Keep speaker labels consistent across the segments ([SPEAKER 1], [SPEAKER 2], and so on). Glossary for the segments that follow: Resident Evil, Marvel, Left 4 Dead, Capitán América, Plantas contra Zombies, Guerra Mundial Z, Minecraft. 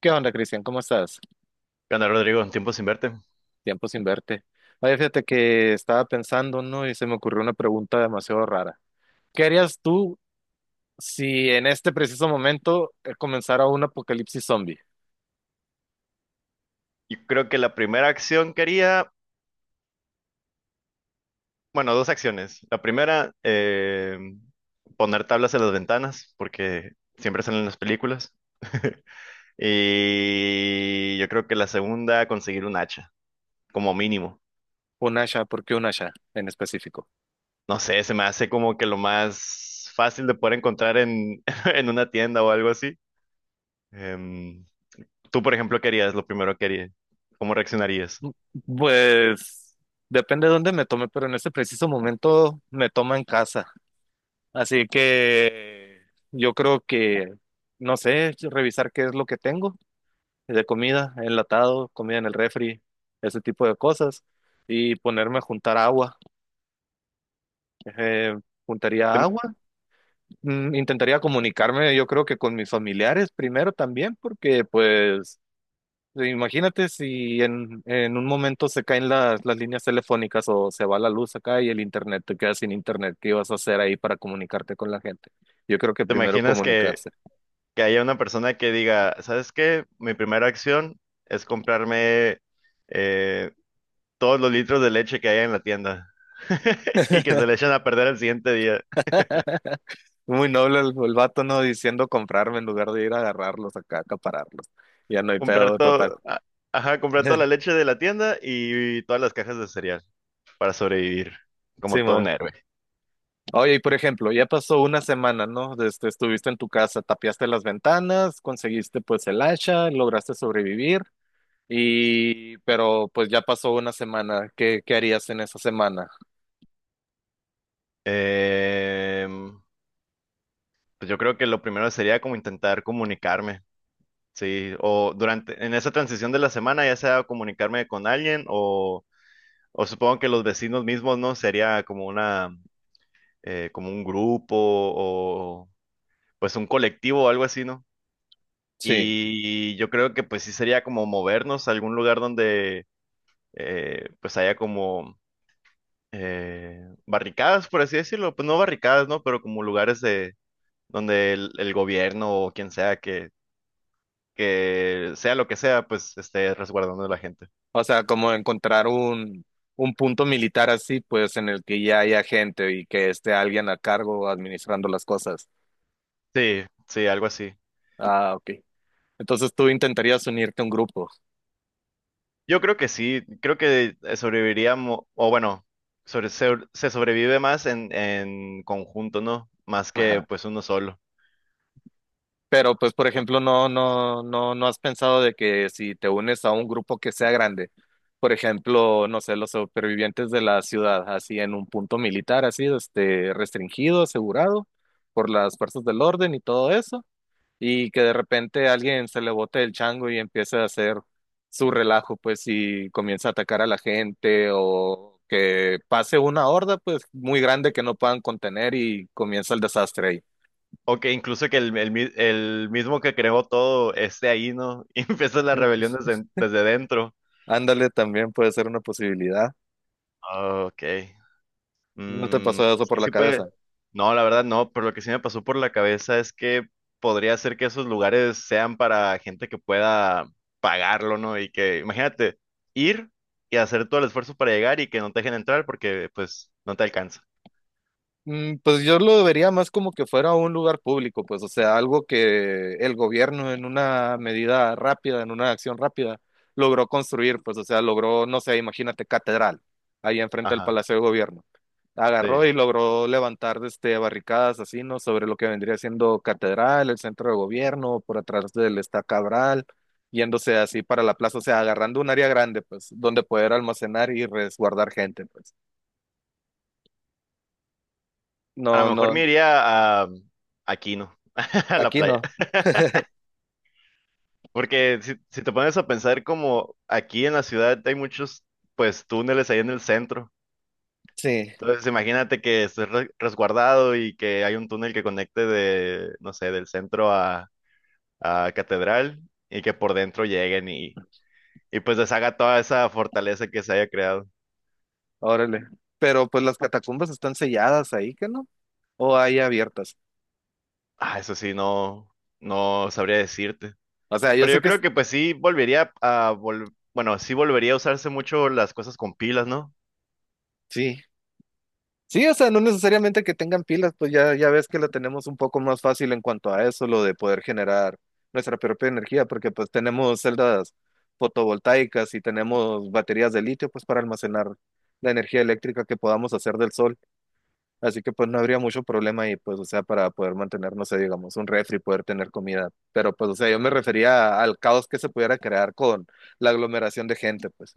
[SPEAKER 1] ¿Qué onda, Cristian? ¿Cómo estás?
[SPEAKER 2] ¿Qué onda, Rodrigo? Un tiempo sin verte.
[SPEAKER 1] Tiempo sin verte. Oye, fíjate que estaba pensando, ¿no? Y se me ocurrió una pregunta demasiado rara. ¿Qué harías tú si en este preciso momento comenzara un apocalipsis zombie?
[SPEAKER 2] Yo creo que la primera acción que haría, bueno, dos acciones. La primera, poner tablas en las ventanas, porque siempre salen en las películas. Y yo creo que la segunda, conseguir un hacha, como mínimo.
[SPEAKER 1] Un Asha, ¿por qué un Asha en específico?
[SPEAKER 2] No sé, se me hace como que lo más fácil de poder encontrar en una tienda o algo así. Em, Tú, por ejemplo, ¿qué harías? Lo primero que harías. ¿Cómo reaccionarías?
[SPEAKER 1] Mm, Pues depende de dónde me tome, pero en este preciso momento me toma en casa. Así que yo creo que, no sé, revisar qué es lo que tengo de comida, enlatado, comida en el refri, ese tipo de cosas, y ponerme a juntar agua. Eh,
[SPEAKER 2] ¿Te,
[SPEAKER 1] juntaría agua, intentaría comunicarme, yo creo que con mis familiares primero también, porque pues imagínate si en un momento se caen las líneas telefónicas o se va la luz acá y el internet, te quedas sin internet, ¿qué vas a hacer ahí para comunicarte con la gente? Yo creo que
[SPEAKER 2] te
[SPEAKER 1] primero
[SPEAKER 2] imaginas
[SPEAKER 1] comunicarse.
[SPEAKER 2] que haya una persona que diga, ¿sabes qué? Mi primera acción es comprarme eh, todos los litros de leche que haya en la tienda y que se le echen a perder el siguiente día.
[SPEAKER 1] Muy noble el vato, ¿no? Diciendo comprarme en lugar de ir a agarrarlos acá, acapararlos. Ya no hay
[SPEAKER 2] Comprar
[SPEAKER 1] pedo
[SPEAKER 2] todo,
[SPEAKER 1] total.
[SPEAKER 2] ajá, comprar toda la leche de la tienda y todas las cajas de cereal para sobrevivir
[SPEAKER 1] Sí,
[SPEAKER 2] como todo un
[SPEAKER 1] man.
[SPEAKER 2] héroe.
[SPEAKER 1] Oye, y por ejemplo, ya pasó una semana, ¿no? Desde, estuviste en tu casa, tapiaste las ventanas, conseguiste pues el hacha, lograste sobrevivir, y pero pues ya pasó una semana. ¿Qué harías en esa semana?
[SPEAKER 2] Em, pues yo creo que lo primero sería como intentar comunicarme. Sí, o durante, en esa transición de la semana, ya sea comunicarme con alguien o supongo que los vecinos mismos, ¿no? Sería como una, como un grupo o pues un colectivo o algo así, ¿no?
[SPEAKER 1] Sí.
[SPEAKER 2] Y yo creo que pues sí sería como movernos a algún lugar donde pues haya como barricadas, por así decirlo. Pues no barricadas, ¿no? Pero como lugares de donde el gobierno o quien sea que sea lo que sea, pues esté resguardando a la gente.
[SPEAKER 1] O sea, como encontrar un punto militar así, pues en el que ya haya gente y que esté alguien a cargo administrando las cosas.
[SPEAKER 2] Sí, sí, algo así.
[SPEAKER 1] Ah, ok. Entonces tú intentarías unirte a un grupo.
[SPEAKER 2] Yo creo que sí, creo que sobreviviríamos, o bueno, sobre, se sobrevive más en conjunto, ¿no? Más que
[SPEAKER 1] Ajá.
[SPEAKER 2] pues uno solo.
[SPEAKER 1] Pero pues, por ejemplo, no, no, no, no has pensado de que si te unes a un grupo que sea grande, por ejemplo, no sé, los supervivientes de la ciudad, así en un punto militar, así, restringido, asegurado por las fuerzas del orden y todo eso. Y que de repente alguien se le bote el chango y empiece a hacer su relajo, pues, y comienza a atacar a la gente o que pase una horda, pues, muy grande que no puedan contener y comienza el desastre ahí.
[SPEAKER 2] O que incluso que mi- el mismo que creó todo esté ahí, ¿no? Y empieza la
[SPEAKER 1] Eh,
[SPEAKER 2] rebelión desde, desde dentro.
[SPEAKER 1] Ándale, también puede ser una posibilidad.
[SPEAKER 2] Ah, ok.
[SPEAKER 1] ¿No te
[SPEAKER 2] Mm,
[SPEAKER 1] pasó eso
[SPEAKER 2] es que
[SPEAKER 1] por la
[SPEAKER 2] sí puede.
[SPEAKER 1] cabeza?
[SPEAKER 2] No, la verdad no, pero lo que sí me pasó por la cabeza es que podría ser que esos lugares sean para gente que pueda pagarlo, ¿no? Y que, imagínate, ir y hacer todo el esfuerzo para llegar y que no te dejen entrar porque pues no te alcanza.
[SPEAKER 1] Pues yo lo vería más como que fuera un lugar público, pues, o sea, algo que el gobierno en una medida rápida, en una acción rápida, logró construir, pues, o sea, logró, no sé, imagínate, catedral, ahí enfrente del
[SPEAKER 2] Ajá,
[SPEAKER 1] Palacio de Gobierno. Agarró
[SPEAKER 2] sí.
[SPEAKER 1] y logró levantar, barricadas así, ¿no? Sobre lo que vendría siendo catedral, el centro de gobierno, por atrás del Esta Cabral, yéndose así para la plaza, o sea, agarrando un área grande, pues, donde poder almacenar y resguardar gente, pues.
[SPEAKER 2] A lo
[SPEAKER 1] No,
[SPEAKER 2] mejor
[SPEAKER 1] no,
[SPEAKER 2] me iría a aquí, ¿no? A la
[SPEAKER 1] aquí
[SPEAKER 2] playa.
[SPEAKER 1] no.
[SPEAKER 2] Porque si, si te pones a pensar como aquí en la ciudad hay muchos pues túneles ahí en el centro.
[SPEAKER 1] Sí.
[SPEAKER 2] Entonces, imagínate que estés re- resguardado y que hay un túnel que conecte de, no sé, del centro a Catedral y que por dentro lleguen y pues deshaga toda esa fortaleza que se haya creado.
[SPEAKER 1] Órale. Pero pues las catacumbas están selladas ahí, ¿qué no? O hay abiertas.
[SPEAKER 2] Ah, eso sí, no, no sabría decirte.
[SPEAKER 1] O sea, yo
[SPEAKER 2] Pero
[SPEAKER 1] sé
[SPEAKER 2] yo
[SPEAKER 1] que
[SPEAKER 2] creo que pues sí volvería a, vol- bueno, sí volvería a usarse mucho las cosas con pilas, ¿no?
[SPEAKER 1] sí. Sí, o sea, no necesariamente que tengan pilas, pues ya ves que la tenemos un poco más fácil en cuanto a eso, lo de poder generar nuestra propia energía, porque pues tenemos celdas fotovoltaicas y tenemos baterías de litio, pues para almacenar la energía eléctrica que podamos hacer del sol. Así que pues no habría mucho problema y pues, o sea, para poder mantener, no sé, digamos, un refri, poder tener comida. Pero pues, o sea, yo me refería al caos que se pudiera crear con la aglomeración de gente, pues.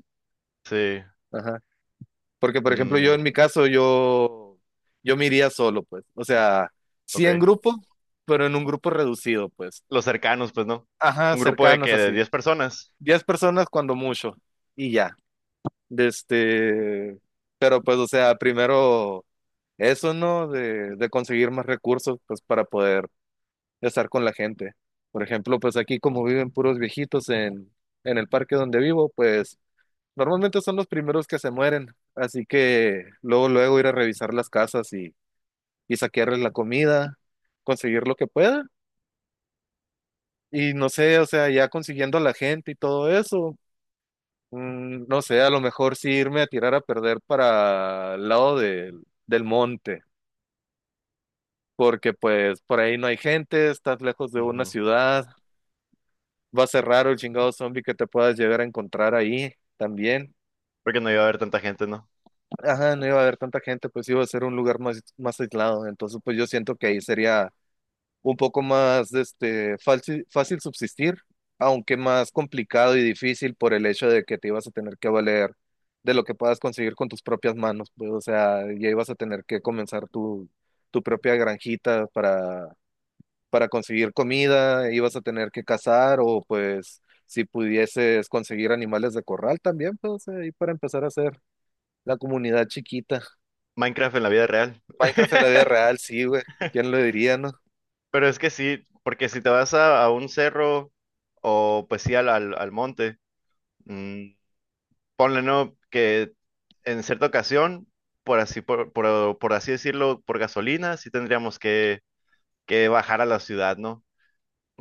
[SPEAKER 2] Sí.
[SPEAKER 1] Ajá. Porque, por ejemplo, yo
[SPEAKER 2] Mm,
[SPEAKER 1] en mi caso, yo me iría solo, pues. O sea, sí
[SPEAKER 2] ok.
[SPEAKER 1] en grupo, pero en un grupo reducido, pues.
[SPEAKER 2] Los cercanos, pues no.
[SPEAKER 1] Ajá,
[SPEAKER 2] Un grupo de
[SPEAKER 1] cercanos
[SPEAKER 2] que de
[SPEAKER 1] así.
[SPEAKER 2] 10 personas.
[SPEAKER 1] Diez personas cuando mucho. Y ya. De Este, pero pues, o sea, primero eso, ¿no? De conseguir más recursos, pues, para poder de estar con la gente. Por ejemplo, pues aquí como viven puros viejitos en el parque donde vivo, pues normalmente son los primeros que se mueren. Así que luego, luego ir a revisar las casas y saquearles la comida, conseguir lo que pueda. Y no sé, o sea, ya consiguiendo a la gente y todo eso, no sé, a lo mejor sí irme a tirar a perder para el lado del monte, porque pues por ahí no hay gente, estás lejos de una
[SPEAKER 2] Ujú.
[SPEAKER 1] ciudad. Va a ser raro el chingado zombie que te puedas llegar a encontrar ahí también.
[SPEAKER 2] Porque no iba a haber tanta gente, ¿no?
[SPEAKER 1] Ajá, no iba a haber tanta gente, pues iba a ser un lugar más aislado. Entonces, pues yo siento que ahí sería un poco más fácil, fácil subsistir, aunque más complicado y difícil por el hecho de que te ibas a tener que valer de lo que puedas conseguir con tus propias manos. Pues, o sea, ya ibas a tener que comenzar tu propia granjita para conseguir comida ibas a tener que cazar o pues si pudieses conseguir animales de corral también, pues ahí para empezar a hacer la comunidad chiquita.
[SPEAKER 2] Minecraft en la vida real.
[SPEAKER 1] Minecraft en la vida real, sí, güey. ¿Quién lo diría, no?
[SPEAKER 2] Pero es que sí, porque si te vas a un cerro o pues sí al monte, mm, ponle no que en cierta ocasión, por así, por así decirlo, por gasolina, sí tendríamos que bajar a la ciudad, ¿no?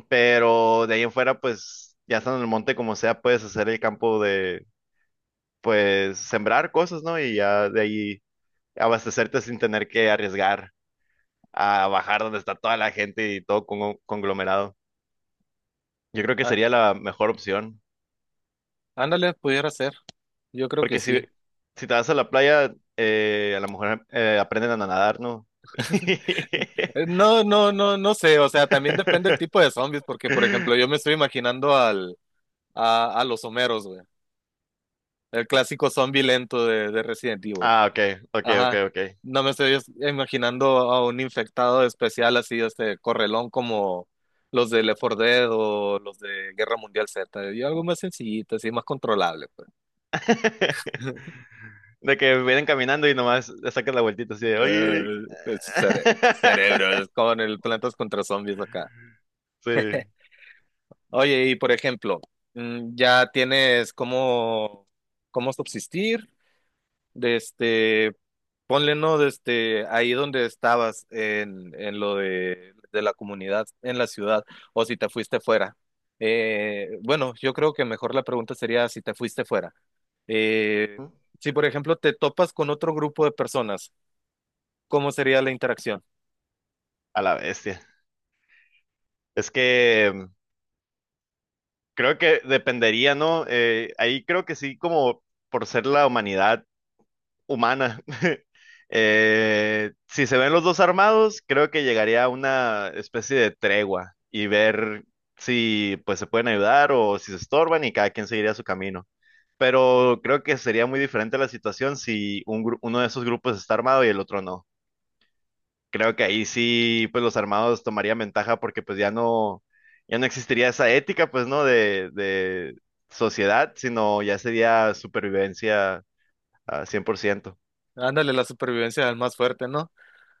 [SPEAKER 2] Pero de ahí en fuera, pues ya estando en el monte como sea, puedes hacer el campo de, pues sembrar cosas, ¿no? Y ya de ahí abastecerte sin tener que arriesgar a bajar donde está toda la gente y todo con- conglomerado. Yo creo que
[SPEAKER 1] Ah,
[SPEAKER 2] sería la mejor opción.
[SPEAKER 1] ándale, pudiera ser. Yo creo que
[SPEAKER 2] Porque si,
[SPEAKER 1] sí.
[SPEAKER 2] si te vas a la playa, a lo mejor aprenden a nadar, ¿no?
[SPEAKER 1] Eh, no, no, no, no sé. O sea, también depende el tipo de zombies, porque, por ejemplo, yo me estoy imaginando a los Homeros, güey. El clásico zombie lento de Resident Evil.
[SPEAKER 2] Ah, ok,
[SPEAKER 1] Ajá.
[SPEAKER 2] ok.
[SPEAKER 1] No me estoy imaginando a un infectado especial así, este correlón como los de Left 4 Dead o los de Guerra Mundial Z. Yo algo más sencillito, así más controlable, pues.
[SPEAKER 2] De que vienen caminando y nomás le sacan la vueltita así de, oye.
[SPEAKER 1] Eh, pues, cerebros con el Plantas contra Zombies acá.
[SPEAKER 2] Sí,
[SPEAKER 1] Oye, y por ejemplo, ya tienes cómo subsistir, de este, ponle, ¿no? Ahí donde estabas en lo de la comunidad, en la ciudad, o si te fuiste fuera. Bueno, yo creo que mejor la pregunta sería si te fuiste fuera. Eh, si, por ejemplo, te topas con otro grupo de personas, ¿cómo sería la interacción?
[SPEAKER 2] a la bestia. Es que mm, creo que dependería, ¿no? Ahí creo que sí, como por ser la humanidad humana. Si se ven los dos armados, creo que llegaría a una especie de tregua y ver si pues se pueden ayudar o si se estorban y cada quien seguiría su camino. Pero creo que sería muy diferente la situación si un gru- uno de esos grupos está armado y el otro no. Creo que ahí sí, pues los armados tomarían ventaja porque ya no existiría esa ética, pues, ¿no? De sociedad, sino ya sería supervivencia a 100%.
[SPEAKER 1] Ándale, la supervivencia del más fuerte, ¿no?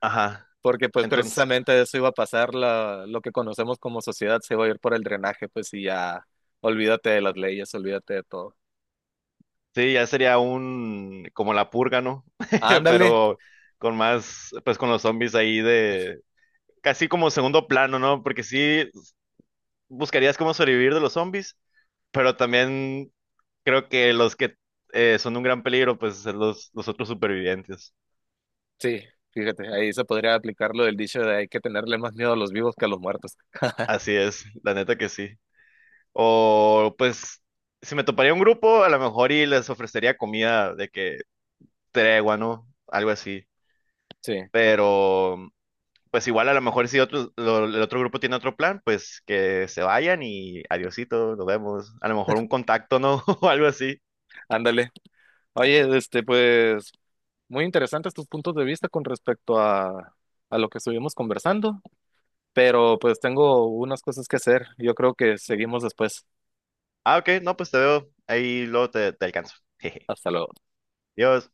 [SPEAKER 2] Ajá.
[SPEAKER 1] Porque pues
[SPEAKER 2] Entonces,
[SPEAKER 1] precisamente eso iba a pasar, lo que conocemos como sociedad se va a ir por el drenaje, pues y ya olvídate de las leyes, olvídate de todo.
[SPEAKER 2] sí, ya sería un, como la purga, ¿no?
[SPEAKER 1] Ándale,
[SPEAKER 2] Pero con más, pues con los zombies ahí de, casi como segundo plano, ¿no? Porque sí buscarías cómo sobrevivir de los zombies, pero también creo que los que son un gran peligro, pues son los otros supervivientes.
[SPEAKER 1] sí, fíjate, ahí se podría aplicar lo del dicho de hay que tenerle más miedo a los vivos que a los muertos.
[SPEAKER 2] Así es, la neta que sí. O pues, si me toparía un grupo, a lo mejor y les ofrecería comida de que tregua, ¿no? Algo así.
[SPEAKER 1] Sí,
[SPEAKER 2] Pero pues igual a lo mejor si otro, lo- el otro grupo tiene otro plan, pues que se vayan y adiosito, nos vemos. A lo mejor un contacto, ¿no? O algo así.
[SPEAKER 1] ándale. Oye, pues, muy interesantes tus puntos de vista con respecto a lo que estuvimos conversando, pero pues tengo unas cosas que hacer. Yo creo que seguimos después.
[SPEAKER 2] Ah, ok, no, pues te veo. Ahí luego te alcanzo. Jeje.
[SPEAKER 1] Hasta luego.
[SPEAKER 2] Adiós.